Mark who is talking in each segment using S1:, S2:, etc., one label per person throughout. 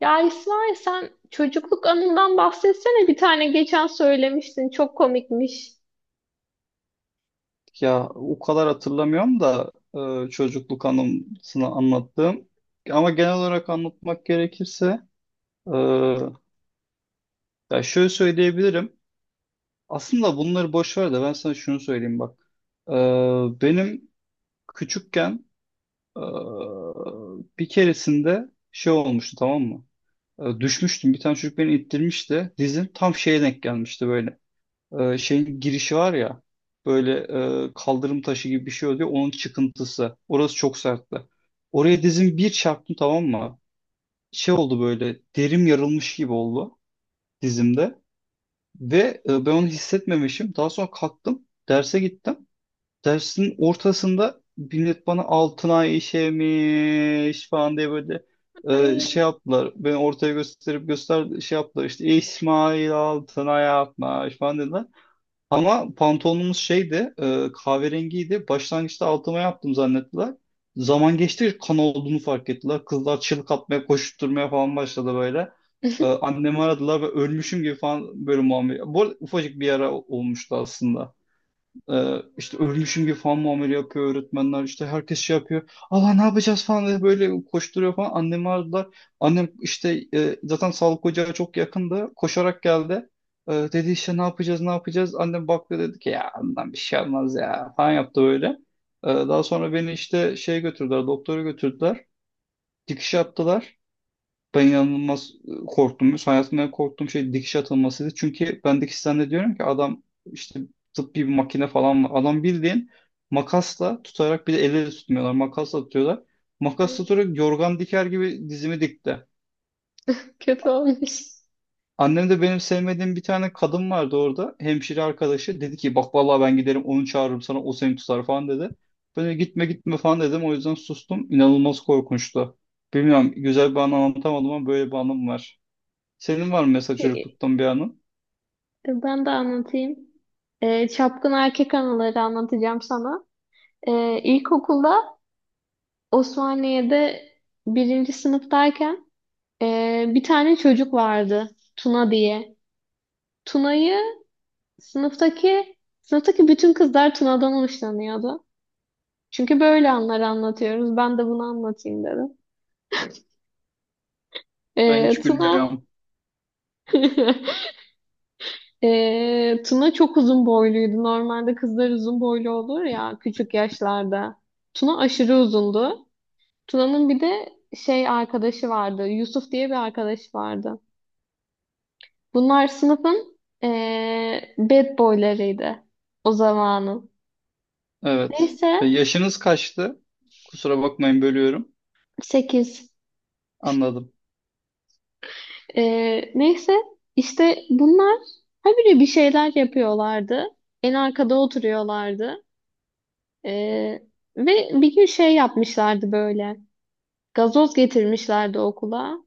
S1: Ya İsmail sen çocukluk anından bahsetsene bir tane geçen söylemiştin çok komikmiş.
S2: Ya o kadar hatırlamıyorum da çocukluk anımsını anlattığım. Ama genel olarak anlatmak gerekirse e, ya şöyle söyleyebilirim. Aslında bunları boş ver de ben sana şunu söyleyeyim bak. E, Benim küçükken e, bir keresinde şey olmuştu, tamam mı? Düşmüştüm. Bir tane çocuk beni ittirmişti. Dizim tam şeye denk gelmişti böyle. Şeyin girişi var ya, böyle kaldırım taşı gibi bir şey oluyor onun çıkıntısı. Orası çok sertti. Oraya dizim bir çarptım, tamam mı? Şey oldu, böyle derim yarılmış gibi oldu dizimde ve ben onu hissetmemişim. Daha sonra kalktım derse gittim. Dersin ortasında millet bana altınay işemiş falan diye böyle
S1: Ay
S2: şey yaptılar. Beni ortaya gösterip göster şey yaptılar, işte İsmail Altınay yapmış falan dediler. Ama pantolonumuz şeydi, kahverengiydi. Başlangıçta altıma yaptım zannettiler. Zaman geçti, kan olduğunu fark ettiler. Kızlar çığlık atmaya, koşturmaya falan başladı böyle. Annemi aradılar ve ölmüşüm gibi falan böyle muamele. Bu arada ufacık bir yara olmuştu aslında. İşte ölmüşüm gibi falan muamele yapıyor öğretmenler, işte herkes şey yapıyor, Allah ne yapacağız falan diye böyle koşturuyor falan, annemi aradılar. Annem işte, zaten sağlık ocağı çok yakındı, koşarak geldi. Dedi işte ne yapacağız ne yapacağız, annem baktı dedi ki ya bundan bir şey olmaz ya falan yaptı böyle. Daha sonra beni işte şeye götürdüler, doktora götürdüler, dikiş yaptılar. Ben inanılmaz korktum. Hayatımda en korktuğum şey dikiş atılmasıydı. Çünkü ben dikişten diyorum ki adam işte tıbbi bir makine falan var. Adam bildiğin makasla tutarak, bir de elle tutmuyorlar. Makasla tutuyorlar. Makas tutarak yorgan diker gibi dizimi dikti.
S1: kötü olmuş.
S2: Annem de, benim sevmediğim bir tane kadın vardı orada. Hemşire arkadaşı. Dedi ki bak vallahi ben giderim onu çağırırım sana, o seni tutar falan dedi. Ben de gitme gitme falan dedim. O yüzden sustum. İnanılmaz korkunçtu. Bilmiyorum, güzel bir anlam anlatamadım ama böyle bir anım var. Senin var mı mesela
S1: E,
S2: çocukluktan bir anın?
S1: Ben de anlatayım. Çapkın erkek anıları anlatacağım sana. İlkokulda Osmaniye'de birinci sınıftayken bir tane çocuk vardı Tuna diye. Tuna'yı sınıftaki sınıftaki bütün kızlar Tuna'dan hoşlanıyordu. Çünkü böyle anları anlatıyoruz. Ben de bunu anlatayım dedim.
S2: Ben hiç
S1: Tuna
S2: gülmüyorum.
S1: Tuna çok uzun boyluydu. Normalde kızlar uzun boylu olur ya küçük yaşlarda. Tuna aşırı uzundu. Tuna'nın bir de şey arkadaşı vardı. Yusuf diye bir arkadaşı vardı. Bunlar sınıfın bad boylarıydı o zamanın.
S2: Evet.
S1: Neyse,
S2: Yaşınız kaçtı? Kusura bakmayın, bölüyorum.
S1: 8.
S2: Anladım.
S1: Neyse, işte bunlar habire bir şeyler yapıyorlardı. En arkada oturuyorlardı. Ee, ve bir gün şey yapmışlardı böyle. Gazoz getirmişlerdi okula.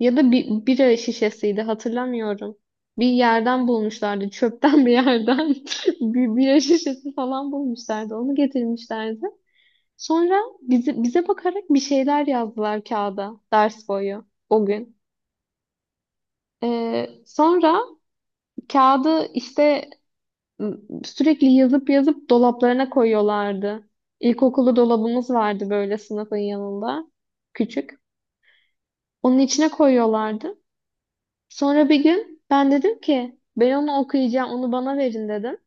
S1: Ya da bir bira şişesiydi, hatırlamıyorum. Bir yerden bulmuşlardı. Çöpten bir yerden. Bir bira şişesi falan bulmuşlardı. Onu getirmişlerdi. Sonra bize bakarak bir şeyler yazdılar kağıda ders boyu o gün. Sonra kağıdı işte sürekli yazıp yazıp dolaplarına koyuyorlardı. İlkokulu dolabımız vardı böyle sınıfın yanında. Küçük. Onun içine koyuyorlardı. Sonra bir gün ben dedim ki ben onu okuyacağım, onu bana verin dedim.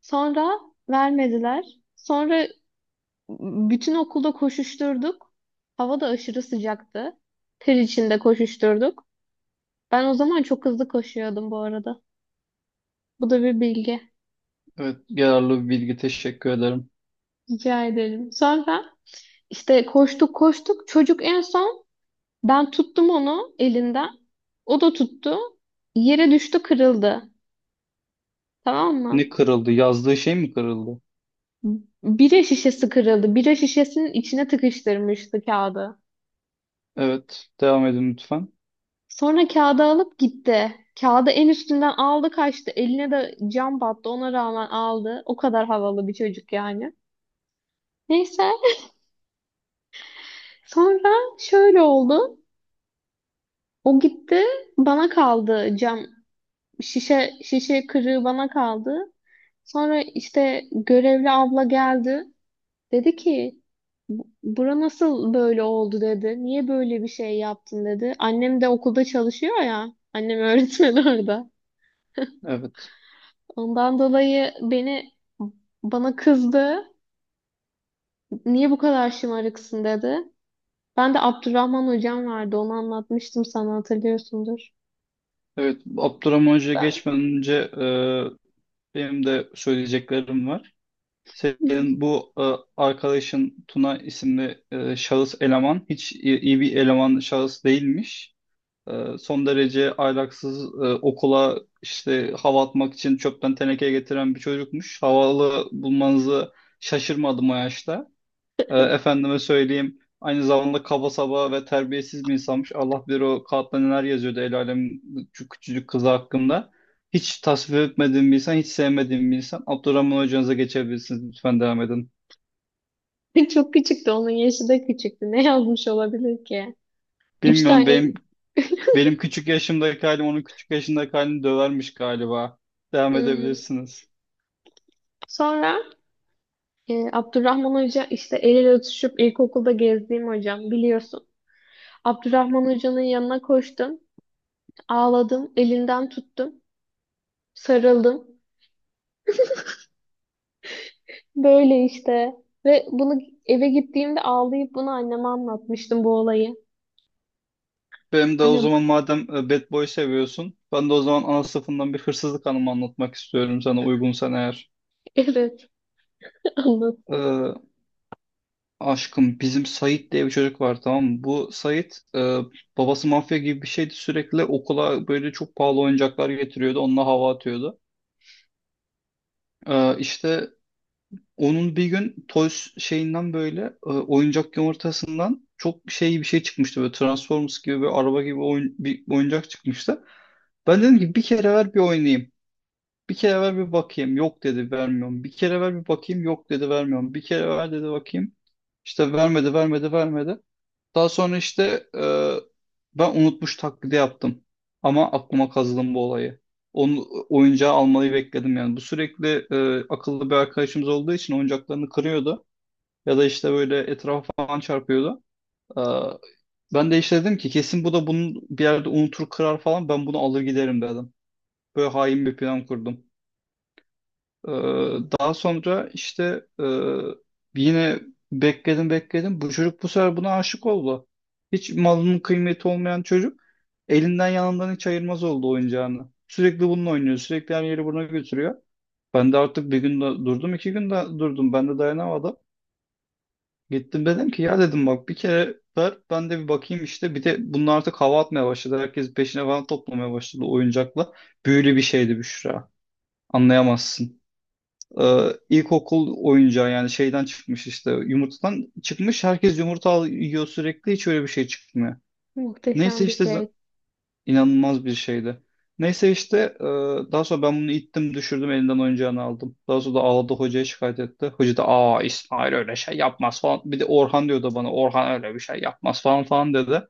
S1: Sonra vermediler. Sonra bütün okulda koşuşturduk. Hava da aşırı sıcaktı. Ter içinde koşuşturduk. Ben o zaman çok hızlı koşuyordum bu arada. Bu da bir bilgi.
S2: Evet, yararlı bir bilgi, teşekkür ederim.
S1: Rica ederim. Sonra İşte koştuk koştuk. Çocuk en son, ben tuttum onu elinden. O da tuttu. Yere düştü, kırıldı. Tamam
S2: Ne
S1: mı?
S2: kırıldı? Yazdığı şey mi kırıldı?
S1: Bira şişesi kırıldı. Bira şişesinin içine tıkıştırmıştı kağıdı.
S2: Evet, devam edin lütfen.
S1: Sonra kağıdı alıp gitti. Kağıdı en üstünden aldı, kaçtı. Eline de cam battı. Ona rağmen aldı. O kadar havalı bir çocuk yani. Neyse. Sonra şöyle oldu. O gitti. Bana kaldı cam. Şişe kırığı bana kaldı. Sonra işte görevli abla geldi. Dedi ki, Bura nasıl böyle oldu?" dedi. "Niye böyle bir şey yaptın?" dedi. Annem de okulda çalışıyor ya. Annem öğretmen orada.
S2: Evet.
S1: Ondan dolayı bana kızdı. "Niye bu kadar şımarıksın?" dedi. Ben de Abdurrahman hocam vardı, onu anlatmıştım sana, hatırlıyorsundur.
S2: Evet, Abdurrahman Hoca'ya geçmeden önce benim de söyleyeceklerim var. Senin bu arkadaşın Tuna isimli şahıs eleman hiç iyi iyi bir eleman şahıs değilmiş. Son derece ahlaksız, okula işte hava atmak için çöpten teneke getiren bir çocukmuş. Havalı bulmanızı şaşırmadım o yaşta. Efendime söyleyeyim, aynı zamanda kaba saba ve terbiyesiz bir insanmış. Allah bilir o kağıtta neler yazıyordu el alem şu küçücük kızı hakkında. Hiç tasvip etmediğim bir insan, hiç sevmediğim bir insan. Abdurrahman hocanıza geçebilirsiniz. Lütfen devam edin.
S1: Çok küçüktü. Onun yaşı da küçüktü. Ne yazmış olabilir ki? Üç
S2: Bilmiyorum,
S1: tane
S2: benim benim küçük yaşımdaki halim onun küçük yaşındaki halini dövermiş galiba. Devam
S1: Hmm.
S2: edebilirsiniz.
S1: Sonra Abdurrahman Hoca, işte el ele tutuşup ilkokulda gezdiğim hocam, biliyorsun. Abdurrahman Hoca'nın yanına koştum, ağladım, elinden tuttum, sarıldım. Böyle işte, ve bunu eve gittiğimde ağlayıp bunu anneme anlatmıştım, bu olayı.
S2: Benim de o zaman
S1: Annem
S2: madem Bad Boy seviyorsun, ben de o zaman ana sınıfından bir hırsızlık anımı anlatmak istiyorum sana, uygunsan eğer.
S1: evet, anlat.
S2: Ee, Aşkım, bizim Sait diye bir çocuk var, tamam mı? Bu Sait, babası mafya gibi bir şeydi, sürekli okula böyle çok pahalı oyuncaklar getiriyordu, onunla hava atıyordu. İşte onun bir gün Toys şeyinden böyle oyuncak yumurtasından çok şey bir şey çıkmıştı, böyle Transformers gibi bir araba gibi oyun, bir oyuncak çıkmıştı. Ben dedim ki bir kere ver bir oynayayım. Bir kere ver bir bakayım. Yok dedi, vermiyorum. Bir kere ver bir bakayım. Yok dedi, vermiyorum. Bir kere ver dedi bakayım. İşte vermedi. Daha sonra işte ben unutmuş taklidi yaptım. Ama aklıma kazıdım bu olayı. Onu, oyuncağı almayı bekledim yani. Bu sürekli akıllı bir arkadaşımız olduğu için oyuncaklarını kırıyordu. Ya da işte böyle etrafa falan çarpıyordu. E, Ben de işte dedim ki kesin bu da bunu bir yerde unutur kırar falan, ben bunu alır giderim dedim. Böyle hain bir plan kurdum. Ee, Daha sonra işte yine bekledim. Bu çocuk bu sefer buna aşık oldu. Hiç malının kıymeti olmayan çocuk elinden yanından hiç ayırmaz oldu oyuncağını. Sürekli bununla oynuyor. Sürekli her yeri buna götürüyor. Ben de artık bir gün de durdum, iki gün de durdum. Ben de dayanamadım. Gittim dedim ki ya dedim bak bir kere ver ben de bir bakayım işte. Bir de bunlar artık hava atmaya başladı. Herkes peşine falan toplamaya başladı oyuncakla. Büyülü bir şeydi Büşra. Anlayamazsın. İlkokul oyuncağı yani, şeyden çıkmış, işte yumurtadan çıkmış. Herkes yumurta al- yiyor sürekli, hiç öyle bir şey çıkmıyor. Neyse
S1: Muhteşem bir
S2: işte
S1: şey.
S2: inanılmaz bir şeydi. Neyse işte, daha sonra ben bunu ittim, düşürdüm elinden oyuncağını aldım. Daha sonra da ağladı, hocaya şikayet etti. Hoca da aa İsmail öyle şey yapmaz falan. Bir de Orhan diyordu bana, Orhan öyle bir şey yapmaz falan falan dedi.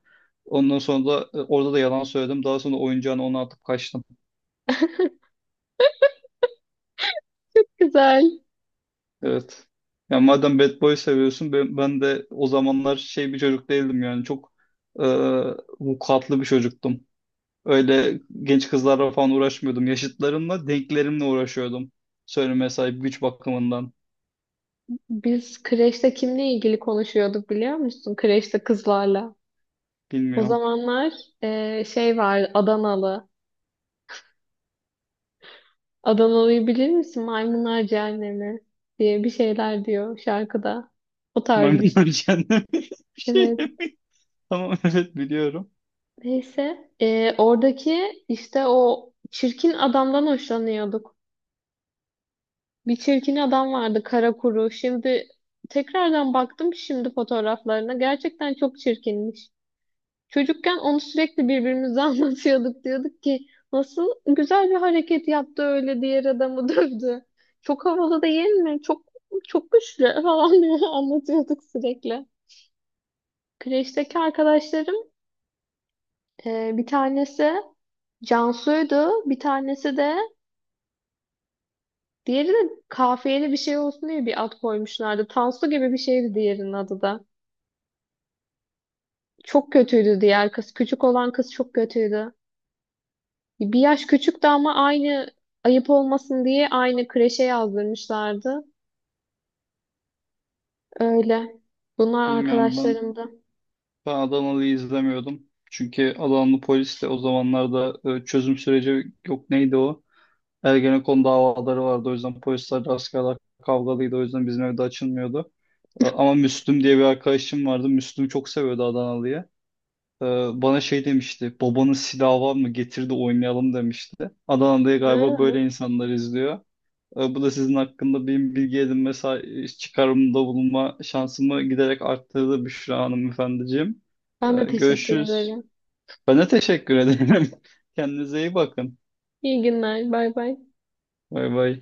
S2: Ondan sonra da orada da yalan söyledim. Daha sonra oyuncağını ona atıp kaçtım.
S1: Güzel.
S2: Evet. Ya madem Bad Boy seviyorsun ben, ben de o zamanlar şey bir çocuk değildim yani, çok e, vukuatlı bir çocuktum. Öyle genç kızlarla falan uğraşmıyordum. Yaşıtlarımla, denklerimle uğraşıyordum. Söyleme sahip güç bakımından.
S1: Biz kreşte kimle ilgili konuşuyorduk biliyor musun? Kreşte kızlarla. O
S2: Bilmiyorum.
S1: zamanlar şey var, Adanalı. Adanalı'yı bilir misin? Maymunlar Cehennemi diye bir şeyler diyor şarkıda. O tarz bir
S2: Maymunlar
S1: şey.
S2: cehennemi bir şey.
S1: Evet.
S2: Tamam evet biliyorum.
S1: Neyse. Oradaki işte o çirkin adamdan hoşlanıyorduk. Bir çirkin adam vardı, kara kuru. Şimdi tekrardan baktım şimdi fotoğraflarına. Gerçekten çok çirkinmiş. Çocukken onu sürekli birbirimize anlatıyorduk. Diyorduk ki nasıl güzel bir hareket yaptı öyle, diğer adamı dövdü. Çok havalı değil mi? Çok çok güçlü falan diye anlatıyorduk sürekli. Kreşteki arkadaşlarım, bir tanesi Cansu'ydu. Bir tanesi de, diğeri de, kafiyeli bir şey olsun diye bir ad koymuşlardı. Tansu gibi bir şeydi diğerinin adı da. Çok kötüydü diğer kız. Küçük olan kız çok kötüydü. Bir yaş küçüktü ama aynı, ayıp olmasın diye, aynı kreşe yazdırmışlardı. Öyle. Bunlar
S2: Bilmiyorum ben,
S1: arkadaşlarımdı.
S2: ben Adanalı'yı izlemiyordum. Çünkü Adanalı polis de o zamanlarda, çözüm süreci yok neydi o? Ergenekon davaları vardı. O yüzden polisler askerler kavgalıydı. O yüzden bizim evde açılmıyordu. Ama Müslüm diye bir arkadaşım vardı. Müslüm çok seviyordu Adanalı'yı. E, Bana şey demişti. Babanın silahı var mı? Getir de oynayalım demişti. Adana'da galiba
S1: Hı.
S2: böyle insanlar izliyor. Bu da sizin hakkında benim bilgi edinme sa- çıkarımda bulunma şansımı giderek arttırdı Büşra hanımefendiciğim.
S1: Ben de teşekkür
S2: Görüşürüz.
S1: ederim.
S2: Ben de teşekkür ederim. Kendinize iyi bakın.
S1: İyi günler. Bay bay.
S2: Bay bay.